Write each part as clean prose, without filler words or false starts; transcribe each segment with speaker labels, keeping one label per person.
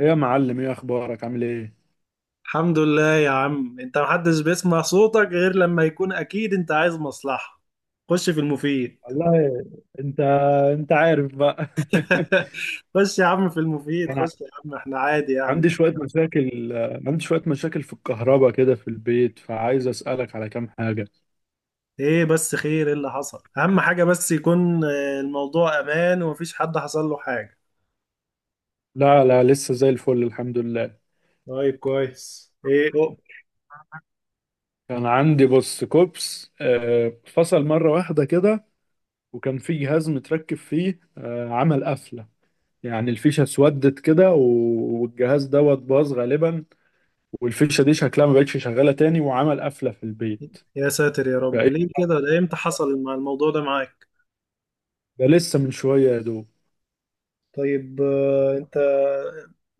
Speaker 1: ايه يا معلم؟ ايه اخبارك؟ عامل ايه؟
Speaker 2: الحمد لله يا عم، انت محدش بيسمع صوتك غير لما يكون اكيد انت عايز مصلحة. خش في المفيد.
Speaker 1: والله. انت انت عارف بقى.
Speaker 2: خش يا عم في المفيد،
Speaker 1: انا
Speaker 2: خش يا عم، احنا عادي يعني.
Speaker 1: عندي شويه مشاكل، في الكهرباء كده في البيت، فعايز اسالك على كام حاجه.
Speaker 2: ايه بس خير؟ ايه اللي حصل؟ اهم حاجة بس يكون الموضوع امان ومفيش حد حصل له حاجة.
Speaker 1: لا لا، لسه زي الفل، الحمد لله.
Speaker 2: طيب كويس. ايه
Speaker 1: كان عندي، بص، كوبس فصل مره واحده كده. وكان في جهاز متركب فيه، عمل قفله. يعني الفيشه اسودت كده والجهاز دوت باظ غالبا. والفيشه دي شكلها ما بقتش شغاله تاني، وعمل قفله في البيت.
Speaker 2: يا ساتر يا رب،
Speaker 1: فايه،
Speaker 2: ليه كده؟ ده امتى حصل مع الموضوع ده معاك؟
Speaker 1: ده لسه من شوية يا دوب.
Speaker 2: طيب، انت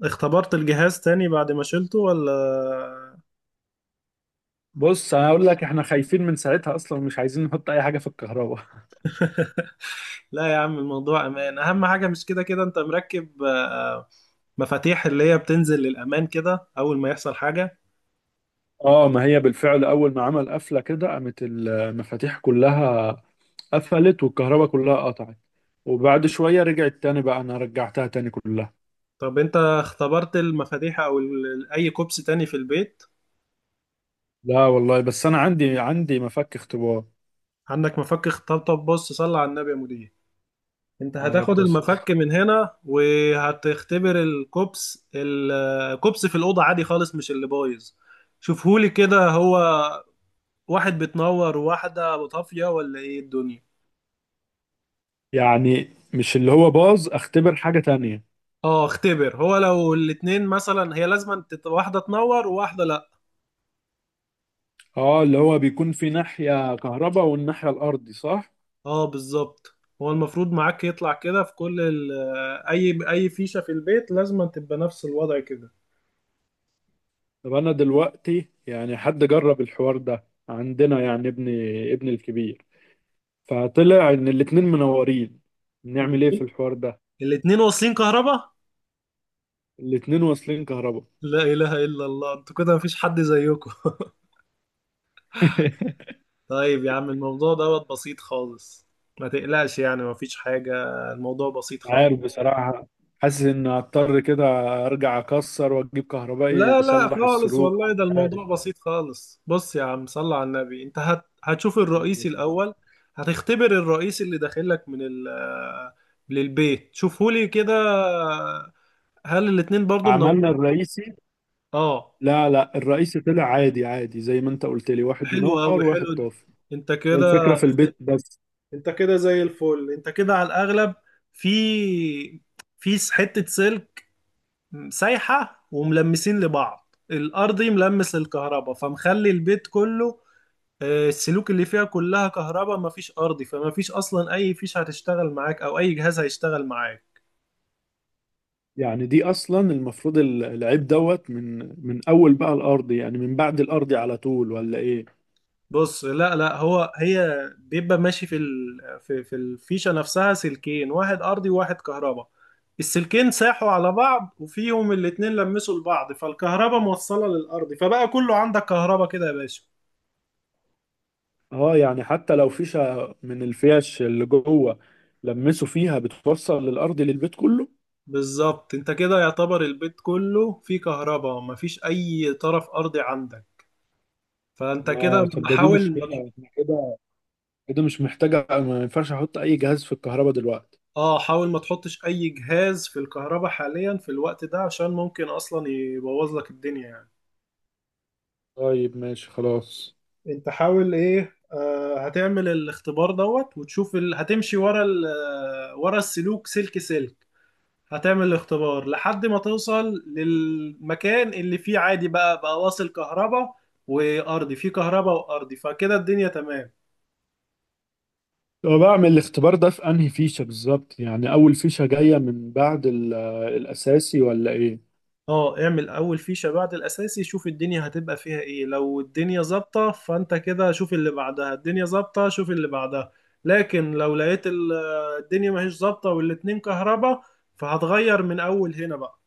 Speaker 2: اختبرت الجهاز تاني بعد ما شلته ولا؟
Speaker 1: بص، انا اقول لك احنا خايفين من ساعتها اصلا، ومش عايزين نحط اي حاجة في الكهرباء.
Speaker 2: لا يا عم، الموضوع امان، اهم حاجه. مش كده كده انت مركب مفاتيح اللي هي بتنزل للامان كده اول ما يحصل حاجه؟
Speaker 1: اه، ما هي بالفعل اول ما عمل قفلة كده قامت المفاتيح كلها، قفلت، والكهرباء كلها قطعت. وبعد شوية رجعت تاني، بقى انا رجعتها تاني كلها.
Speaker 2: طب انت اختبرت المفاتيح او اي كوبس تاني في البيت؟
Speaker 1: لا والله، بس انا عندي مفك اختبار.
Speaker 2: عندك مفك؟ طب طب، بص، صلي على النبي يا مدير. انت هتاخد
Speaker 1: هيفضل ستة
Speaker 2: المفك من
Speaker 1: أسابيع.
Speaker 2: هنا وهتختبر الكوبس، الكوبس في الاوضه عادي خالص، مش اللي بايظ. شوفهولي كده، هو واحد بتنور وواحده طافيه ولا ايه الدنيا؟
Speaker 1: يعني مش اللي هو باظ، اختبر حاجة تانية.
Speaker 2: اه اختبر، هو لو الاتنين مثلا هي لازم واحدة تنور وواحدة لا.
Speaker 1: اه، اللي هو بيكون في ناحية كهرباء والناحية الارضي، صح.
Speaker 2: اه بالظبط. هو المفروض معاك يطلع كده في كل اي اي فيشة في البيت لازم تبقى نفس الوضع كده.
Speaker 1: طب انا دلوقتي، يعني حد جرب الحوار ده عندنا يعني، ابني الكبير، فطلع ان الاتنين منورين. نعمل ايه في
Speaker 2: الاتنين؟
Speaker 1: الحوار ده؟
Speaker 2: الاتنين واصلين كهرباء؟
Speaker 1: الاتنين واصلين كهرباء.
Speaker 2: لا اله الا الله، انتوا كده مفيش حد زيكم. طيب يا عم، الموضوع دوت بسيط خالص، ما تقلقش، يعني مفيش حاجة، الموضوع بسيط خالص.
Speaker 1: عارف، بصراحة حاسس ان هضطر كده ارجع اكسر واجيب كهربائي
Speaker 2: لا لا
Speaker 1: يصلح
Speaker 2: خالص
Speaker 1: السلوك،
Speaker 2: والله، ده
Speaker 1: مش عارف.
Speaker 2: الموضوع بسيط خالص. بص يا عم، صل على النبي، انت هتشوف الرئيسي الاول. هتختبر الرئيس اللي داخل لك من للبيت. شوفهولي كده، هل الاتنين برضو
Speaker 1: عملنا
Speaker 2: منورين؟
Speaker 1: الرئيسي.
Speaker 2: اه.
Speaker 1: لا لا، الرئيسي طلع عادي عادي، زي ما انت قلت لي، واحد
Speaker 2: حلو قوي،
Speaker 1: منور وواحد
Speaker 2: حلو.
Speaker 1: طافي.
Speaker 2: انت
Speaker 1: هي الفكرة
Speaker 2: كده،
Speaker 1: في البيت بس.
Speaker 2: انت كده زي الفل. انت كده على الاغلب في، حتة سلك سايحة وملمسين لبعض، الارضي ملمس للكهرباء فمخلي البيت كله، السلوك اللي فيها كلها كهرباء مفيش ارضي، فمفيش اصلا اي فيش هتشتغل معاك او اي جهاز هيشتغل معاك.
Speaker 1: يعني دي اصلا المفروض العيب دوت، من اول بقى الارض، يعني من بعد الارض على طول ولا ايه؟
Speaker 2: بص لا لا، هو هي بيبقى ماشي في في الفيشه نفسها سلكين، واحد ارضي وواحد كهرباء. السلكين ساحوا على بعض وفيهم الاتنين لمسوا لبعض، فالكهرباء موصله للارض فبقى كله عندك كهرباء كده يا باشا.
Speaker 1: اه، يعني حتى لو فيشة من الفيش اللي جوه لمسوا فيها بتوصل للارض للبيت كله؟
Speaker 2: بالظبط، انت كده يعتبر البيت كله فيه كهرباء مفيش اي طرف ارضي عندك، فانت كده
Speaker 1: اه، طب ده دي
Speaker 2: بحاول.
Speaker 1: مشكلة. احنا كده كده مش محتاجة، ما ينفعش احط اي جهاز في الكهرباء دلوقتي.
Speaker 2: اه حاول ما تحطش اي جهاز في الكهرباء حاليا في الوقت ده عشان ممكن اصلا يبوظ لك الدنيا يعني.
Speaker 1: طيب ماشي، خلاص.
Speaker 2: انت حاول ايه، آه، هتعمل الاختبار دوت وتشوف هتمشي ورا آه، ورا السلوك، سلك سلك. هتعمل الاختبار لحد ما توصل للمكان اللي فيه عادي بقى، بقى واصل كهرباء وارضي، فيه كهرباء وارضي فكده الدنيا تمام.
Speaker 1: طب بعمل الاختبار ده في انهي فيشة بالظبط؟ يعني اول فيشة جاية من بعد الاساسي، ولا ايه؟
Speaker 2: اه اعمل اول فيشة بعد الاساسي، شوف الدنيا هتبقى فيها ايه. لو الدنيا ظابطة فانت كده شوف اللي بعدها، الدنيا ظابطة شوف اللي بعدها. لكن لو لقيت آه، الدنيا ماهيش ظابطة والاتنين كهربا، فهتغير من اول هنا بقى.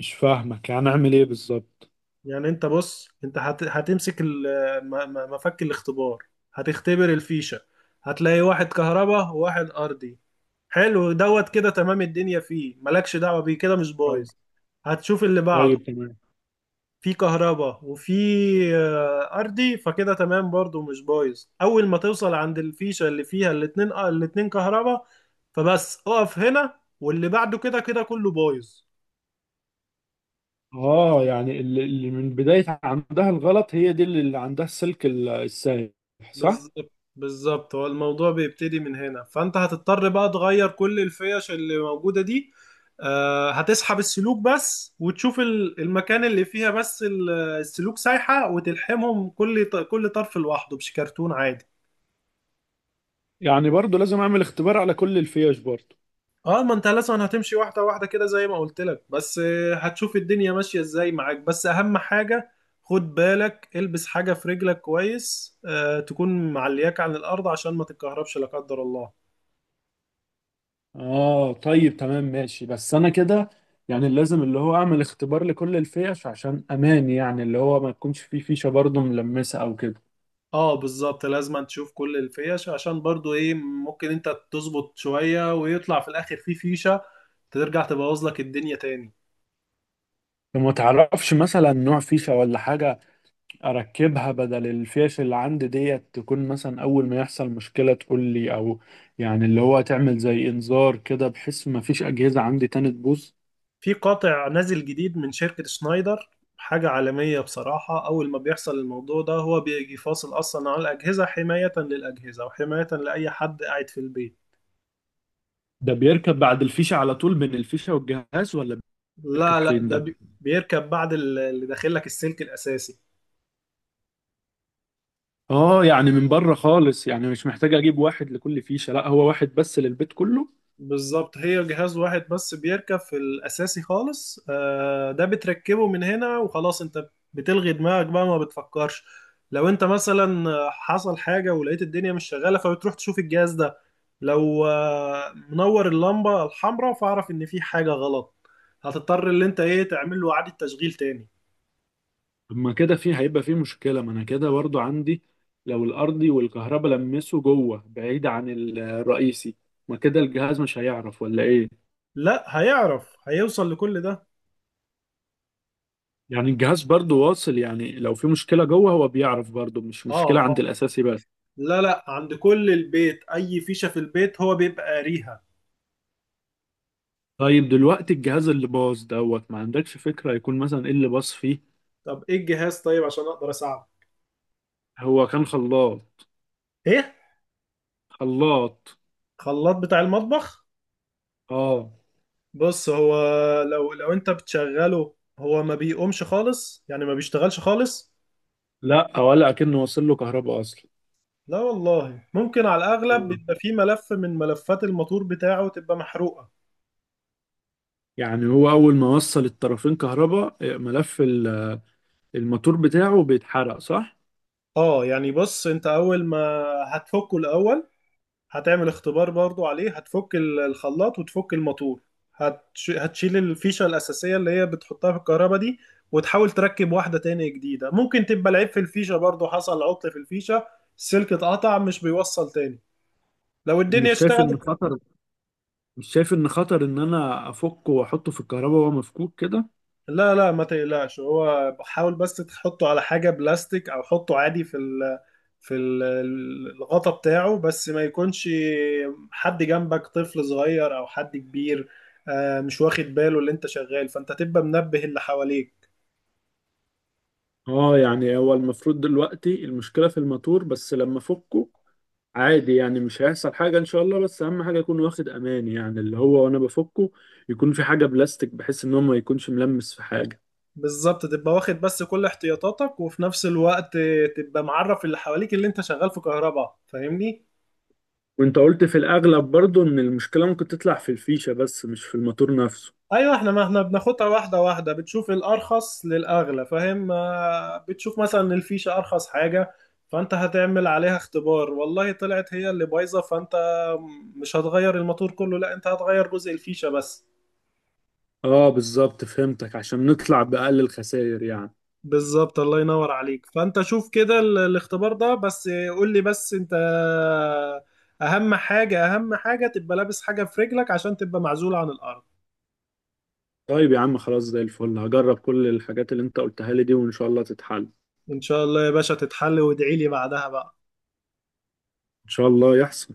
Speaker 1: مش فاهمك، يعني اعمل ايه بالظبط؟
Speaker 2: يعني انت بص، انت هتمسك آه، مفك الاختبار، هتختبر الفيشة، هتلاقي واحد كهربا وواحد ارضي، حلو دوت كده تمام الدنيا فيه مالكش دعوة بيه، كده مش بايظ.
Speaker 1: طيب،
Speaker 2: هتشوف اللي بعده،
Speaker 1: طيب، تمام.
Speaker 2: في كهرباء وفي ارضي، فكده تمام برضو مش بايظ. اول ما توصل عند الفيشه اللي فيها الاتنين الاتنين كهرباء، فبس اقف هنا، واللي بعده كده كده كله بايظ.
Speaker 1: اه، يعني اللي من بداية عندها الغلط هي دي اللي عندها السلك السايح، صح؟
Speaker 2: بالظبط بالظبط، هو الموضوع بيبتدي من هنا، فانت هتضطر بقى تغير كل الفيش اللي موجوده دي، هتسحب السلوك بس وتشوف المكان اللي فيها بس السلوك سايحه، وتلحمهم كل كل طرف لوحده بشكرتون عادي.
Speaker 1: يعني برضو لازم اعمل اختبار على كل الفيش برضو؟
Speaker 2: اه ما انت لازم هتمشي واحده واحده كده زي ما قلت لك، بس هتشوف الدنيا ماشيه ازاي معاك. بس اهم حاجه، خد بالك البس حاجه في رجلك كويس، آه، تكون معلياك عن الارض عشان ما تتكهربش لا قدر الله.
Speaker 1: اه، طيب تمام ماشي، بس انا كده، يعني لازم اللي هو اعمل اختبار لكل الفيش عشان امان، يعني اللي هو ما يكونش فيه فيشة برضو ملمسة او كده.
Speaker 2: اه بالظبط، لازم تشوف كل الفيش عشان برضو ايه، ممكن انت تظبط شويه ويطلع في الاخر في فيشه ترجع تبوظ لك الدنيا تاني.
Speaker 1: فما تعرفش مثلا نوع فيشة ولا حاجة اركبها بدل الفيش اللي عندي ديت، تكون مثلا اول ما يحصل مشكلة تقول لي، او يعني اللي هو تعمل زي انذار كده، بحيث ما فيش اجهزة عندي تاني تبوظ؟
Speaker 2: في قاطع نازل جديد من شركة شنايدر، حاجة عالمية بصراحة. أول ما بيحصل الموضوع ده هو بيجي فاصل أصلا على الأجهزة، حماية للأجهزة وحماية لأي حد قاعد في البيت.
Speaker 1: ده بيركب بعد الفيشة على طول بين الفيشة والجهاز، ولا بيركب
Speaker 2: لا لا،
Speaker 1: فين
Speaker 2: ده
Speaker 1: ده؟
Speaker 2: بيركب بعد اللي داخل لك السلك الأساسي.
Speaker 1: اه، يعني من بره خالص؟ يعني مش محتاج اجيب واحد لكل فيشة، لا هو واحد بس للبيت كله.
Speaker 2: بالظبط، هي جهاز واحد بس بيركب في الأساسي خالص، ده بتركبه من هنا وخلاص. انت بتلغي دماغك بقى ما بتفكرش. لو انت مثلا حصل حاجة ولقيت الدنيا مش شغالة، فبتروح تشوف الجهاز ده، لو منور اللمبة الحمراء فاعرف ان في حاجة غلط، هتضطر اللي انت ايه، تعمل له إعادة تشغيل تاني.
Speaker 1: طب ما كده في هيبقى في مشكلة. ما انا كده برضو عندي، لو الارضي والكهرباء لمسوا جوه بعيد عن الرئيسي، ما كده الجهاز مش هيعرف، ولا ايه؟
Speaker 2: لا هيعرف، هيوصل لكل ده.
Speaker 1: يعني الجهاز برضو واصل، يعني لو في مشكلة جوه هو بيعرف، برضو مش
Speaker 2: اه
Speaker 1: مشكلة عند
Speaker 2: اه،
Speaker 1: الأساسي بس.
Speaker 2: لا لا، عند كل البيت، اي فيشة في البيت هو بيبقى قاريها.
Speaker 1: طيب دلوقتي الجهاز اللي باظ دوت، ما عندكش فكرة يكون مثلا ايه اللي باظ فيه؟
Speaker 2: طب ايه الجهاز؟ طيب عشان اقدر اساعده.
Speaker 1: هو كان خلاط.
Speaker 2: ايه؟
Speaker 1: خلاط.
Speaker 2: خلاط بتاع المطبخ؟
Speaker 1: اه.
Speaker 2: بص، هو لو انت بتشغله هو ما بيقومش خالص، يعني ما بيشتغلش خالص.
Speaker 1: لا، ولا أكنه وصل له كهرباء أصلا.
Speaker 2: لا والله، ممكن على الاغلب
Speaker 1: آه.
Speaker 2: بيبقى فيه ملف من ملفات الموتور بتاعه تبقى محروقة.
Speaker 1: يعني هو أول ما وصل الطرفين كهرباء، ملف الموتور بتاعه بيتحرق، صح؟
Speaker 2: اه يعني بص، انت اول ما هتفكه الاول، هتعمل اختبار برضو عليه. هتفك الخلاط وتفك الماتور، هتشيل الفيشة الأساسية اللي هي بتحطها في الكهرباء دي، وتحاول تركب واحدة تاني جديدة. ممكن تبقى العيب في الفيشة برضو، حصل عطل في الفيشة، السلك اتقطع مش بيوصل تاني. لو الدنيا
Speaker 1: مش شايف إن
Speaker 2: اشتغلت.
Speaker 1: خطر؟ مش شايف إن خطر إن أنا أفكه وأحطه في الكهرباء وهو مفكوك كده؟
Speaker 2: لا لا ما تقلقش، هو حاول بس تحطه على حاجة بلاستيك أو حطه عادي في في الغطا بتاعه، بس ما يكونش حد جنبك طفل صغير او حد كبير مش واخد باله اللي انت شغال، فانت تبقى منبه اللي حواليك.
Speaker 1: اه، يعني هو المفروض دلوقتي المشكلة في الماتور بس. لما فكه عادي، يعني مش هيحصل حاجة ان شاء الله، بس اهم حاجة يكون واخد امان، يعني اللي هو وانا بفكه يكون في حاجة بلاستيك، بحيث ان هو ما يكونش ملمس في حاجة.
Speaker 2: بالظبط، تبقى واخد بس كل احتياطاتك وفي نفس الوقت تبقى معرف اللي حواليك اللي انت شغال في كهرباء، فاهمني؟
Speaker 1: وانت قلت في الاغلب برضو ان المشكلة ممكن تطلع في الفيشة بس، مش في الماتور نفسه؟
Speaker 2: ايوه، احنا ما احنا بناخدها واحده واحده، بتشوف الارخص للاغلى، فاهم؟ بتشوف مثلا إن الفيشه ارخص حاجه، فانت هتعمل عليها اختبار، والله طلعت هي اللي بايظه، فانت مش هتغير الموتور كله، لا انت هتغير جزء الفيشه بس.
Speaker 1: اه، بالظبط، فهمتك، عشان نطلع بأقل الخسائر يعني.
Speaker 2: بالظبط، الله ينور عليك. فانت شوف كده الاختبار ده بس، قول لي. بس انت، اهم حاجه اهم حاجه تبقى لابس حاجه في رجلك عشان تبقى معزول عن الارض.
Speaker 1: طيب يا عم، خلاص زي الفل، هجرب كل الحاجات اللي انت قلتها لي دي، وان شاء الله تتحل.
Speaker 2: ان شاء الله يا باشا تتحل، وادعي لي بعدها بقى.
Speaker 1: ان شاء الله يحصل.